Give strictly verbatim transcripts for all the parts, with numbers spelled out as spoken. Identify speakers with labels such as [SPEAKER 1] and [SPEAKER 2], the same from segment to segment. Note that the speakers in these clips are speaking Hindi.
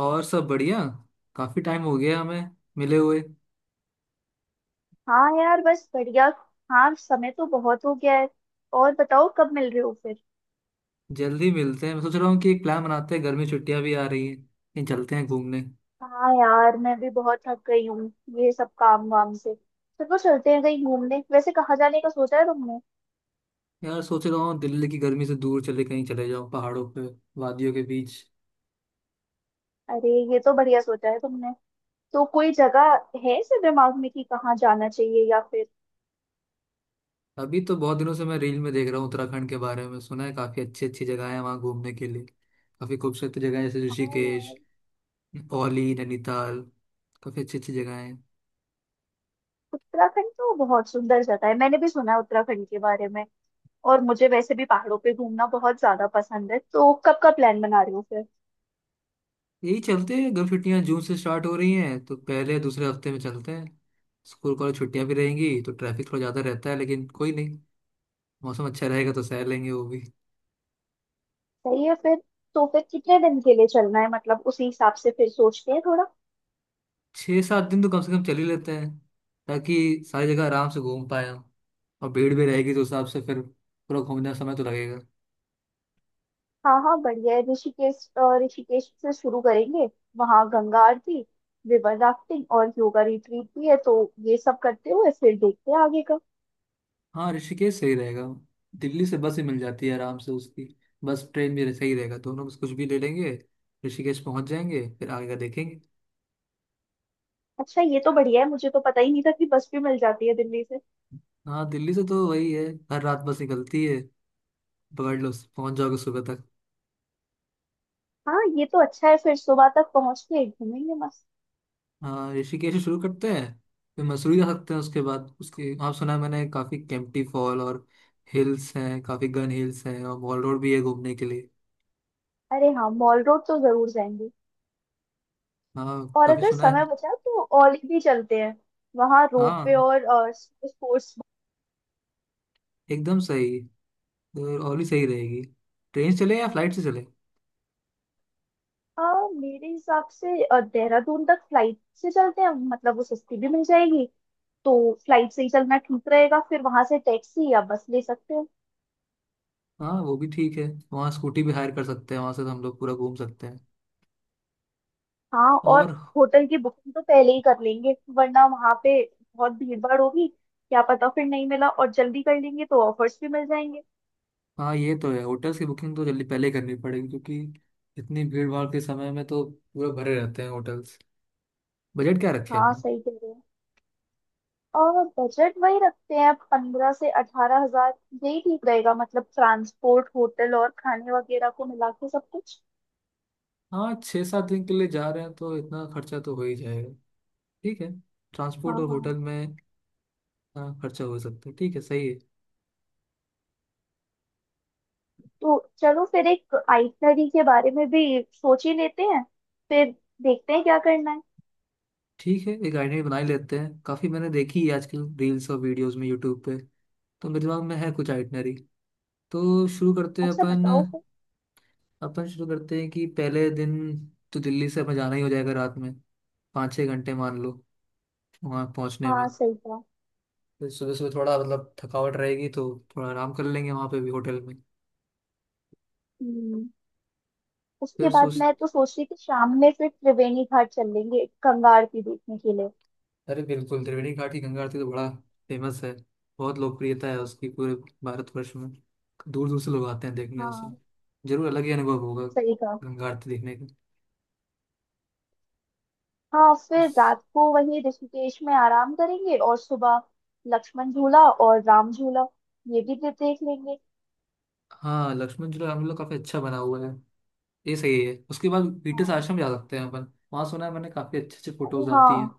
[SPEAKER 1] और सब बढ़िया। काफी टाइम हो गया हमें मिले हुए।
[SPEAKER 2] हाँ यार, बस बढ़िया। हाँ, समय तो बहुत हो गया है। और बताओ, कब मिल रहे हो फिर।
[SPEAKER 1] जल्दी मिलते हैं, मैं सोच रहा हूँ कि एक प्लान बनाते हैं, गर्मी छुट्टियां भी आ रही हैं, कहीं चलते हैं घूमने।
[SPEAKER 2] हाँ यार, मैं भी बहुत थक गई हूँ। ये सब काम वाम से चलो, चलते हैं कहीं घूमने। वैसे कहाँ जाने का सोचा है तुमने।
[SPEAKER 1] यार सोच रहा हूँ दिल्ली की गर्मी से दूर चले, कहीं चले जाओ पहाड़ों पे, वादियों के बीच।
[SPEAKER 2] अरे, ये तो बढ़िया सोचा है तुमने। तो कोई जगह है ऐसे दिमाग में कि कहाँ जाना चाहिए, या फिर।
[SPEAKER 1] अभी तो बहुत दिनों से मैं रील में देख रहा हूँ, उत्तराखंड के बारे में सुना है, काफी अच्छी अच्छी जगह है वहाँ घूमने के लिए, काफी खूबसूरत जगह है, जैसे
[SPEAKER 2] हाँ
[SPEAKER 1] ऋषिकेश,
[SPEAKER 2] यार।
[SPEAKER 1] औली, नैनीताल, काफी अच्छी अच्छी जगह है।
[SPEAKER 2] उत्तराखंड तो बहुत सुंदर जगह है, मैंने भी सुना है उत्तराखंड के बारे में। और मुझे वैसे भी पहाड़ों पे घूमना बहुत ज्यादा पसंद है। तो कब का प्लान बना रहे हो फिर।
[SPEAKER 1] यही चलते हैं, गर्म छुट्टियां जून से स्टार्ट हो रही हैं, तो पहले दूसरे हफ्ते में चलते हैं। स्कूल कॉलेज छुट्टियां भी रहेंगी, तो ट्रैफिक थोड़ा ज़्यादा रहता है, लेकिन कोई नहीं, मौसम अच्छा रहेगा तो सह लेंगे वो भी।
[SPEAKER 2] सही है फिर। तो फिर कितने दिन के लिए चलना है, मतलब उसी हिसाब से फिर सोचते हैं थोड़ा।
[SPEAKER 1] छः सात दिन तो कम से कम चल ही लेते हैं, ताकि सारी जगह आराम से घूम पाए हम। और भीड़ भी रहेगी, तो उस हिसाब से फिर पूरा घूमने का समय तो लगेगा।
[SPEAKER 2] हाँ हाँ, बढ़िया है। ऋषिकेश अ, ऋषिकेश से शुरू करेंगे। वहाँ गंगा आरती, रिवर राफ्टिंग और योगा रिट्रीट भी है, तो ये सब करते हुए फिर देखते हैं आगे का।
[SPEAKER 1] हाँ, ऋषिकेश सही रहेगा। दिल्ली से बस ही मिल जाती है आराम से उसकी। बस ट्रेन भी सही रहेगा, दोनों बस कुछ भी ले लेंगे, ऋषिकेश पहुंच जाएंगे फिर आगे का देखेंगे।
[SPEAKER 2] अच्छा, ये तो बढ़िया है। मुझे तो पता ही नहीं था कि बस भी मिल जाती है दिल्ली से।
[SPEAKER 1] हाँ दिल्ली से तो वही है, हर रात बस निकलती है, पकड़ लो, पहुंच जाओगे सुबह तक।
[SPEAKER 2] हाँ, ये तो अच्छा है। फिर सुबह तक पहुँच के घूमेंगे मस्त।
[SPEAKER 1] हाँ ऋषिकेश से शुरू करते हैं, फिर मसूरी जा सकते हैं उसके बाद। उसके आप सुना है मैंने काफ़ी केम्प्टी फॉल और हिल्स हैं, काफ़ी गन हिल्स हैं, और मॉल रोड भी है घूमने के लिए।
[SPEAKER 2] अरे हाँ, मॉल रोड तो जरूर जाएंगे।
[SPEAKER 1] हाँ,
[SPEAKER 2] और
[SPEAKER 1] काफ़ी
[SPEAKER 2] अगर
[SPEAKER 1] सुना है।
[SPEAKER 2] समय बचा तो औली भी चलते हैं। वहाँ रोपवे
[SPEAKER 1] हाँ,
[SPEAKER 2] और स्पोर्ट्स।
[SPEAKER 1] एकदम सही, तो और भी सही रहेगी। ट्रेन से चले या फ्लाइट से चले?
[SPEAKER 2] आ, मेरे हिसाब से अ, देहरादून तक फ्लाइट से चलते हैं, मतलब वो सस्ती भी मिल जाएगी। तो फ्लाइट से ही चलना ठीक रहेगा, फिर वहां से टैक्सी या बस ले सकते हैं।
[SPEAKER 1] हाँ वो भी ठीक है, वहाँ स्कूटी भी हायर कर सकते हैं, वहाँ से हम लोग पूरा घूम सकते हैं।
[SPEAKER 2] हाँ। और
[SPEAKER 1] और
[SPEAKER 2] होटल की बुकिंग तो पहले ही कर लेंगे, वरना वहां पे बहुत भीड़ भाड़ होगी, क्या पता फिर नहीं मिला। और जल्दी कर लेंगे तो ऑफर्स भी मिल जाएंगे।
[SPEAKER 1] हाँ, ये तो है, होटल्स की बुकिंग तो जल्दी पहले करनी पड़ेगी, क्योंकि इतनी भीड़ भाड़ के समय में तो पूरा भरे रहते हैं होटल्स। बजट क्या रखे
[SPEAKER 2] हाँ,
[SPEAKER 1] अपना?
[SPEAKER 2] सही कह रहे हैं। और बजट वही रखते हैं, पंद्रह से अठारह हजार। यही ठीक रहेगा, मतलब ट्रांसपोर्ट, होटल और खाने वगैरह को मिला के सब कुछ।
[SPEAKER 1] हाँ, छः सात दिन के लिए जा रहे हैं, तो इतना खर्चा तो हो ही जाएगा। ठीक है,
[SPEAKER 2] हाँ
[SPEAKER 1] ट्रांसपोर्ट और
[SPEAKER 2] हाँ।
[SPEAKER 1] होटल में। हाँ, खर्चा हो सकता है, ठीक है, सही है।
[SPEAKER 2] तो चलो, फिर एक आइटनरी के बारे में भी सोच ही लेते हैं। फिर देखते हैं क्या करना है।
[SPEAKER 1] ठीक है, एक आइडिया बना ही लेते हैं, काफ़ी मैंने देखी है आजकल रील्स और वीडियोस में यूट्यूब पे, तो मेरे दिमाग में है कुछ आइटनरी, तो शुरू करते हैं
[SPEAKER 2] अच्छा,
[SPEAKER 1] अपन।
[SPEAKER 2] बताओ फिर।
[SPEAKER 1] अपन शुरू करते हैं कि पहले दिन तो दिल्ली से अपन जाना ही हो जाएगा रात में, पाँच छः घंटे मान लो वहाँ पहुँचने में।
[SPEAKER 2] हाँ, सही था।
[SPEAKER 1] फिर सुबह सुबह थोड़ा मतलब थकावट रहेगी, तो थोड़ा आराम कर लेंगे वहाँ पे भी होटल में।
[SPEAKER 2] हम्म। उसके
[SPEAKER 1] फिर
[SPEAKER 2] बाद
[SPEAKER 1] सोच,
[SPEAKER 2] मैं तो सोच रही थी, शाम में फिर त्रिवेणी घाट चल लेंगे गंगा आरती देखने के लिए।
[SPEAKER 1] अरे बिल्कुल त्रिवेणी घाट की गंगा आरती तो बड़ा फेमस है, बहुत लोकप्रियता है उसकी पूरे भारतवर्ष में, दूर दूर से लोग आते हैं देखने उसे।
[SPEAKER 2] हाँ,
[SPEAKER 1] जरूर अलग ही अनुभव होगा
[SPEAKER 2] सही कहा।
[SPEAKER 1] गंगा आरती देखने का।
[SPEAKER 2] हाँ, फिर
[SPEAKER 1] उस-
[SPEAKER 2] रात को वहीं ऋषिकेश में आराम करेंगे, और सुबह लक्ष्मण झूला और राम झूला ये भी दे- देख लेंगे।
[SPEAKER 1] हाँ लक्ष्मण झूला हम लोग काफी अच्छा बना हुआ है, ये सही है। उसके बाद पीटर्स
[SPEAKER 2] हाँ।
[SPEAKER 1] आश्रम जा सकते हैं अपन, वहाँ सुना है मैंने काफी अच्छे अच्छे
[SPEAKER 2] अरे
[SPEAKER 1] फोटोज
[SPEAKER 2] हाँ,
[SPEAKER 1] आती हैं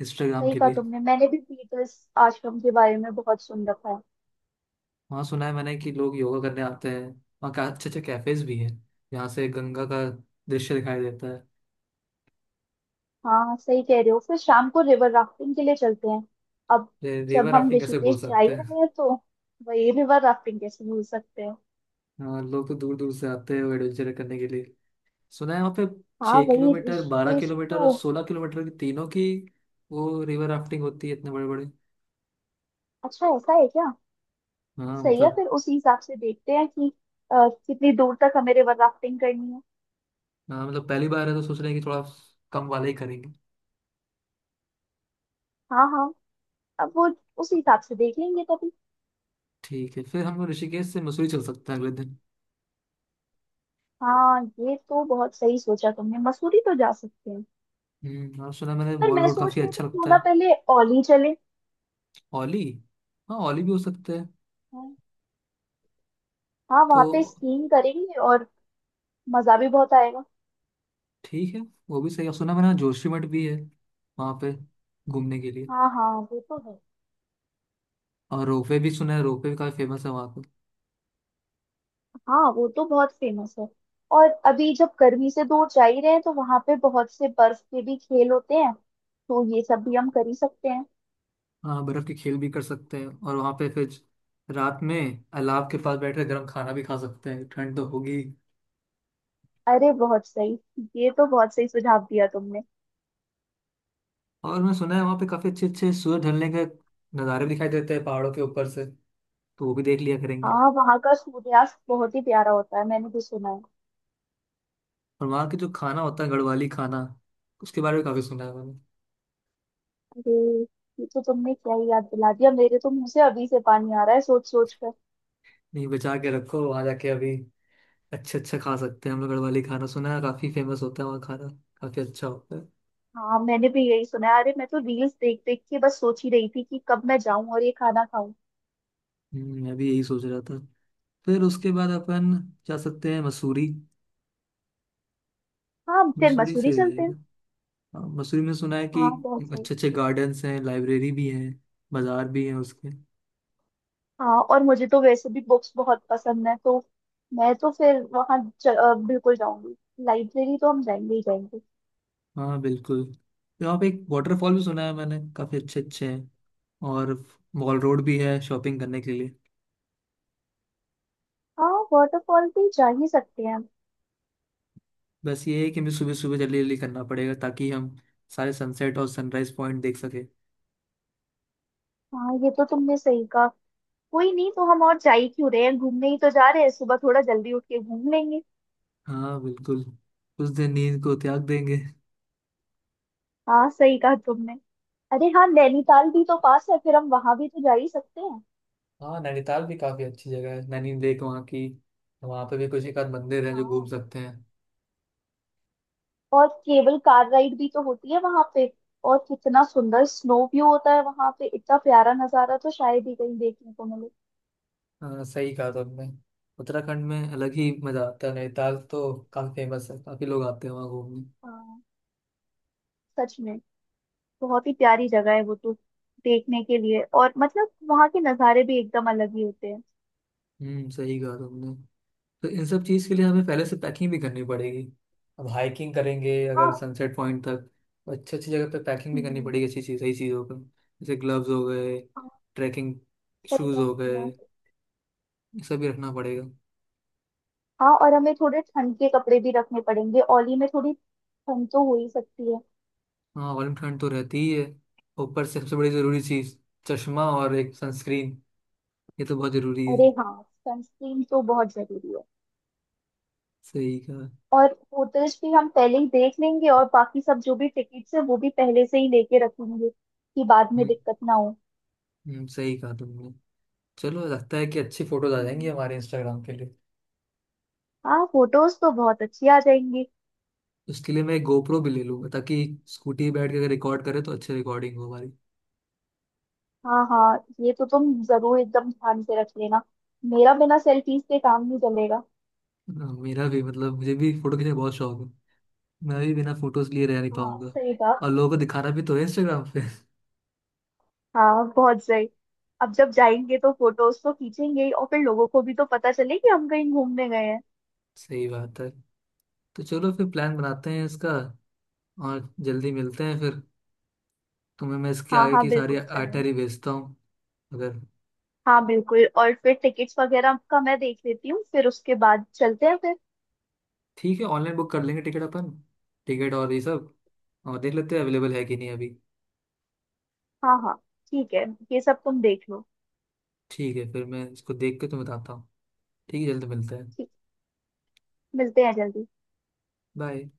[SPEAKER 1] इंस्टाग्राम
[SPEAKER 2] सही
[SPEAKER 1] के
[SPEAKER 2] कहा
[SPEAKER 1] लिए।
[SPEAKER 2] तुमने। मैंने भी पीटर्स आश्रम के बारे में बहुत सुन रखा है।
[SPEAKER 1] वहाँ सुना है मैंने कि लोग योगा करने आते हैं, वहाँ का अच्छे अच्छे कैफेज भी हैं, यहाँ से गंगा का दृश्य दिखाई देता है।
[SPEAKER 2] हाँ, सही कह रहे हो। फिर शाम को रिवर राफ्टिंग के लिए चलते हैं अब।
[SPEAKER 1] रे- रिवर
[SPEAKER 2] जब हम
[SPEAKER 1] राफ्टिंग कैसे
[SPEAKER 2] ऋषिकेश
[SPEAKER 1] भूल
[SPEAKER 2] जा ही
[SPEAKER 1] सकते हैं।
[SPEAKER 2] रहे हैं, तो वही रिवर राफ्टिंग कैसे भूल सकते हैं।
[SPEAKER 1] हाँ लोग तो दूर दूर से आते हैं वो एडवेंचर करने के लिए, सुना है वहाँ पे
[SPEAKER 2] हाँ,
[SPEAKER 1] छः
[SPEAKER 2] वही
[SPEAKER 1] किलोमीटर बारह
[SPEAKER 2] ऋषिकेश
[SPEAKER 1] किलोमीटर और
[SPEAKER 2] तो।
[SPEAKER 1] सोलह किलोमीटर की तीनों की वो रिवर राफ्टिंग होती है, इतने बड़े बड़े।
[SPEAKER 2] अच्छा, ऐसा है क्या।
[SPEAKER 1] हाँ
[SPEAKER 2] सही है,
[SPEAKER 1] मतलब,
[SPEAKER 2] फिर उसी हिसाब से देखते हैं कि अ, कितनी दूर तक हमें रिवर राफ्टिंग करनी है।
[SPEAKER 1] हाँ मतलब पहली बार है, तो सोच रहे हैं कि थोड़ा कम वाला ही करेंगे।
[SPEAKER 2] हाँ हाँ, अब वो उसी हिसाब से देख लेंगे तभी।
[SPEAKER 1] ठीक है, फिर हम लोग ऋषिकेश से मसूरी चल सकते हैं अगले दिन।
[SPEAKER 2] हाँ, ये तो बहुत सही सोचा तुमने। मसूरी तो जा सकते हैं।
[SPEAKER 1] हम्म, और सुना है मैंने
[SPEAKER 2] पर
[SPEAKER 1] मॉल
[SPEAKER 2] मैं
[SPEAKER 1] रोड
[SPEAKER 2] सोच
[SPEAKER 1] काफ़ी
[SPEAKER 2] रही
[SPEAKER 1] अच्छा
[SPEAKER 2] थी, क्यों
[SPEAKER 1] लगता
[SPEAKER 2] ना
[SPEAKER 1] है।
[SPEAKER 2] पहले औली चले।
[SPEAKER 1] ओली, हाँ ओली भी हो सकता है।
[SPEAKER 2] हाँ, वहां
[SPEAKER 1] तो
[SPEAKER 2] पे स्कीइंग करेंगे और मजा भी बहुत आएगा।
[SPEAKER 1] ठीक है, वो भी सही है। और सुना है मैंने जोशीमठ भी है वहाँ पे घूमने के लिए।
[SPEAKER 2] हाँ हाँ, वो तो है।
[SPEAKER 1] और रोपवे भी सुना है, रोपवे भी काफ़ी फेमस है वहाँ।
[SPEAKER 2] हाँ, वो तो बहुत फेमस है। और अभी जब गर्मी से दूर जा ही रहे हैं, तो वहां पे बहुत से बर्फ के भी खेल होते हैं, तो ये सब भी हम कर ही सकते हैं।
[SPEAKER 1] हाँ बर्फ के खेल भी कर सकते हैं, और वहां पे फिर रात में अलाव के पास बैठकर गर्म खाना भी खा सकते हैं, ठंड तो होगी ही।
[SPEAKER 2] अरे, बहुत सही। ये तो बहुत सही सुझाव दिया तुमने।
[SPEAKER 1] और मैं सुना है वहां पे काफी अच्छे अच्छे सूरज ढलने के नज़ारे भी दिखाई देते हैं पहाड़ों के ऊपर से, तो वो भी देख लिया करेंगे।
[SPEAKER 2] हाँ, वहां का सूर्यास्त बहुत ही प्यारा होता है, मैंने भी सुना है।
[SPEAKER 1] और वहाँ के जो खाना होता है, गढ़वाली खाना, उसके बारे में काफी सुना है मैंने।
[SPEAKER 2] अरे, ये तो तुमने क्या ही याद दिला दिया। मेरे तो मुंह से अभी से पानी आ रहा है सोच सोच कर।
[SPEAKER 1] नहीं, बचा के रखो, वहां जाके अभी अच्छे अच्छा खा सकते हैं हम लोग। गढ़वाली खाना सुना है काफी फेमस होता है, वहाँ खाना काफी अच्छा होता है।
[SPEAKER 2] हाँ, मैंने भी यही सुना है। अरे, मैं तो रील्स देख देख के बस सोच ही रही थी कि कब मैं जाऊं और ये खाना खाऊं।
[SPEAKER 1] हम्म, मैं भी यही सोच रहा था। फिर उसके बाद अपन जा सकते हैं मसूरी।
[SPEAKER 2] हाँ, फिर
[SPEAKER 1] मसूरी
[SPEAKER 2] मसूरी
[SPEAKER 1] से
[SPEAKER 2] चलते
[SPEAKER 1] जाएगा।
[SPEAKER 2] हैं।
[SPEAKER 1] हाँ, मसूरी में सुना है कि
[SPEAKER 2] हाँ, बहुत सही।
[SPEAKER 1] अच्छे अच्छे गार्डन्स हैं, लाइब्रेरी भी है, बाजार भी है उसके।
[SPEAKER 2] हाँ, और मुझे तो वैसे भी बुक्स बहुत पसंद है, तो मैं तो फिर वहाँ ज- अ, बिल्कुल जाऊंगी। लाइब्रेरी तो हम जाएंगे ही जाएंगे।
[SPEAKER 1] हाँ बिल्कुल, तो यहाँ पे एक वाटरफॉल भी सुना है मैंने, काफी अच्छे अच्छे हैं, और मॉल रोड भी है शॉपिंग करने के लिए।
[SPEAKER 2] हाँ, वाटरफॉल भी जा ही सकते हैं।
[SPEAKER 1] बस ये है कि हमें सुबह सुबह जल्दी जल्दी करना पड़ेगा, ताकि हम सारे सनसेट और सनराइज पॉइंट देख सके।
[SPEAKER 2] हाँ, ये तो तुमने सही कहा। कोई नहीं, तो हम और जा ही क्यों रहे हैं, घूमने ही तो जा रहे हैं, सुबह थोड़ा जल्दी उठ के घूम लेंगे।
[SPEAKER 1] हाँ बिल्कुल, उस दिन नींद को त्याग देंगे।
[SPEAKER 2] हाँ, सही कहा तुमने। अरे हाँ, नैनीताल भी तो पास है, फिर हम वहां भी तो जा ही सकते हैं।
[SPEAKER 1] हाँ नैनीताल भी काफी अच्छी जगह है, नैनी लेक वहाँ की, वहाँ पे भी कुछ एक आध मंदिर है जो घूम
[SPEAKER 2] हाँ,
[SPEAKER 1] सकते हैं।
[SPEAKER 2] और केबल कार राइड भी तो होती है वहां पे। और कितना सुंदर स्नो व्यू होता है वहां पे, इतना प्यारा नजारा तो शायद ही कहीं देखने को मिले।
[SPEAKER 1] हाँ सही कहा तुमने। उत्तराखंड में अलग ही मजा आता है, नैनीताल तो काफी फेमस है, काफी लोग आते हैं वहाँ घूमने।
[SPEAKER 2] हाँ, सच में बहुत ही प्यारी जगह है वो तो देखने के लिए। और मतलब वहां के नज़ारे भी एकदम अलग ही होते हैं।
[SPEAKER 1] हम्म, सही कहा तुमने। तो इन सब चीज़ के लिए हमें पहले से पैकिंग भी करनी पड़ेगी, अब हाइकिंग करेंगे अगर
[SPEAKER 2] हाँ।
[SPEAKER 1] सनसेट पॉइंट तक, तो अच्छी अच्छी जगह पे पैकिंग भी करनी
[SPEAKER 2] हम्म।
[SPEAKER 1] पड़ेगी, अच्छी चीज़ सही चीज़ों पर, जैसे ग्लव्स हो गए,
[SPEAKER 2] हाँ,
[SPEAKER 1] ट्रैकिंग
[SPEAKER 2] सही
[SPEAKER 1] शूज़
[SPEAKER 2] बात
[SPEAKER 1] हो
[SPEAKER 2] है। हाँ
[SPEAKER 1] गए, ये सब भी रखना पड़ेगा।
[SPEAKER 2] हाँ, और हमें थोड़े ठंड के कपड़े भी रखने पड़ेंगे, ओली में थोड़ी ठंड तो हो ही सकती है।
[SPEAKER 1] हाँ वाली ठंड तो रहती ही है, ऊपर से सबसे बड़ी ज़रूरी चीज़, चश्मा और एक सनस्क्रीन, ये तो बहुत ज़रूरी है।
[SPEAKER 2] अरे हाँ, सनस्क्रीन तो बहुत जरूरी है।
[SPEAKER 1] सही कहा।
[SPEAKER 2] और होटल्स भी हम पहले ही देख लेंगे, और बाकी सब जो भी टिकट्स है वो भी पहले से ही लेके रखेंगे, कि बाद में दिक्कत ना हो।
[SPEAKER 1] हम्म, सही कहा तुमने। चलो लगता है कि अच्छी फोटोज आ जाएंगी
[SPEAKER 2] हम्म।
[SPEAKER 1] हमारे इंस्टाग्राम के लिए।
[SPEAKER 2] हाँ, फोटोज तो बहुत अच्छी आ जाएंगी।
[SPEAKER 1] उसके लिए मैं एक गोप्रो भी ले लूंगा, ताकि स्कूटी पे बैठ के अगर रिकॉर्ड करे तो अच्छी रिकॉर्डिंग हो हमारी।
[SPEAKER 2] हाँ हाँ, ये तो तुम जरूर एकदम ध्यान से रख लेना, मेरा बिना सेल्फीज के काम नहीं चलेगा।
[SPEAKER 1] हाँ, मेरा भी मतलब मुझे भी फोटो खींचने का बहुत शौक है, मैं भी बिना फोटोज लिए रह नहीं
[SPEAKER 2] हाँ,
[SPEAKER 1] पाऊंगा।
[SPEAKER 2] सही कहा।
[SPEAKER 1] और लोगों को दिखाना भी तो है इंस्टाग्राम पे।
[SPEAKER 2] हाँ, बहुत सही। अब जब जाएंगे तो फोटोज तो खींचेंगे ही, और फिर लोगों को भी तो पता चले कि हम कहीं घूमने गए हैं।
[SPEAKER 1] सही बात है। तो चलो फिर प्लान बनाते हैं इसका, और जल्दी मिलते हैं फिर। तुम्हें मैं इसके
[SPEAKER 2] हाँ
[SPEAKER 1] आगे
[SPEAKER 2] हाँ,
[SPEAKER 1] की सारी
[SPEAKER 2] बिल्कुल चलो।
[SPEAKER 1] आइटनरी भेजता हूँ, अगर
[SPEAKER 2] हाँ बिल्कुल, और फिर टिकट्स वगैरह का मैं देख लेती हूँ, फिर उसके बाद चलते हैं फिर।
[SPEAKER 1] ठीक है। ऑनलाइन बुक कर लेंगे टिकट अपन, टिकट और ये सब, और देख लेते हैं अवेलेबल है कि नहीं अभी।
[SPEAKER 2] हाँ हाँ, ठीक है, ये सब तुम देख लो।
[SPEAKER 1] ठीक है, फिर मैं इसको देख के तुम्हें बताता हूँ। ठीक है, जल्द मिलते हैं।
[SPEAKER 2] ठीक, मिलते हैं जल्दी।
[SPEAKER 1] बाय।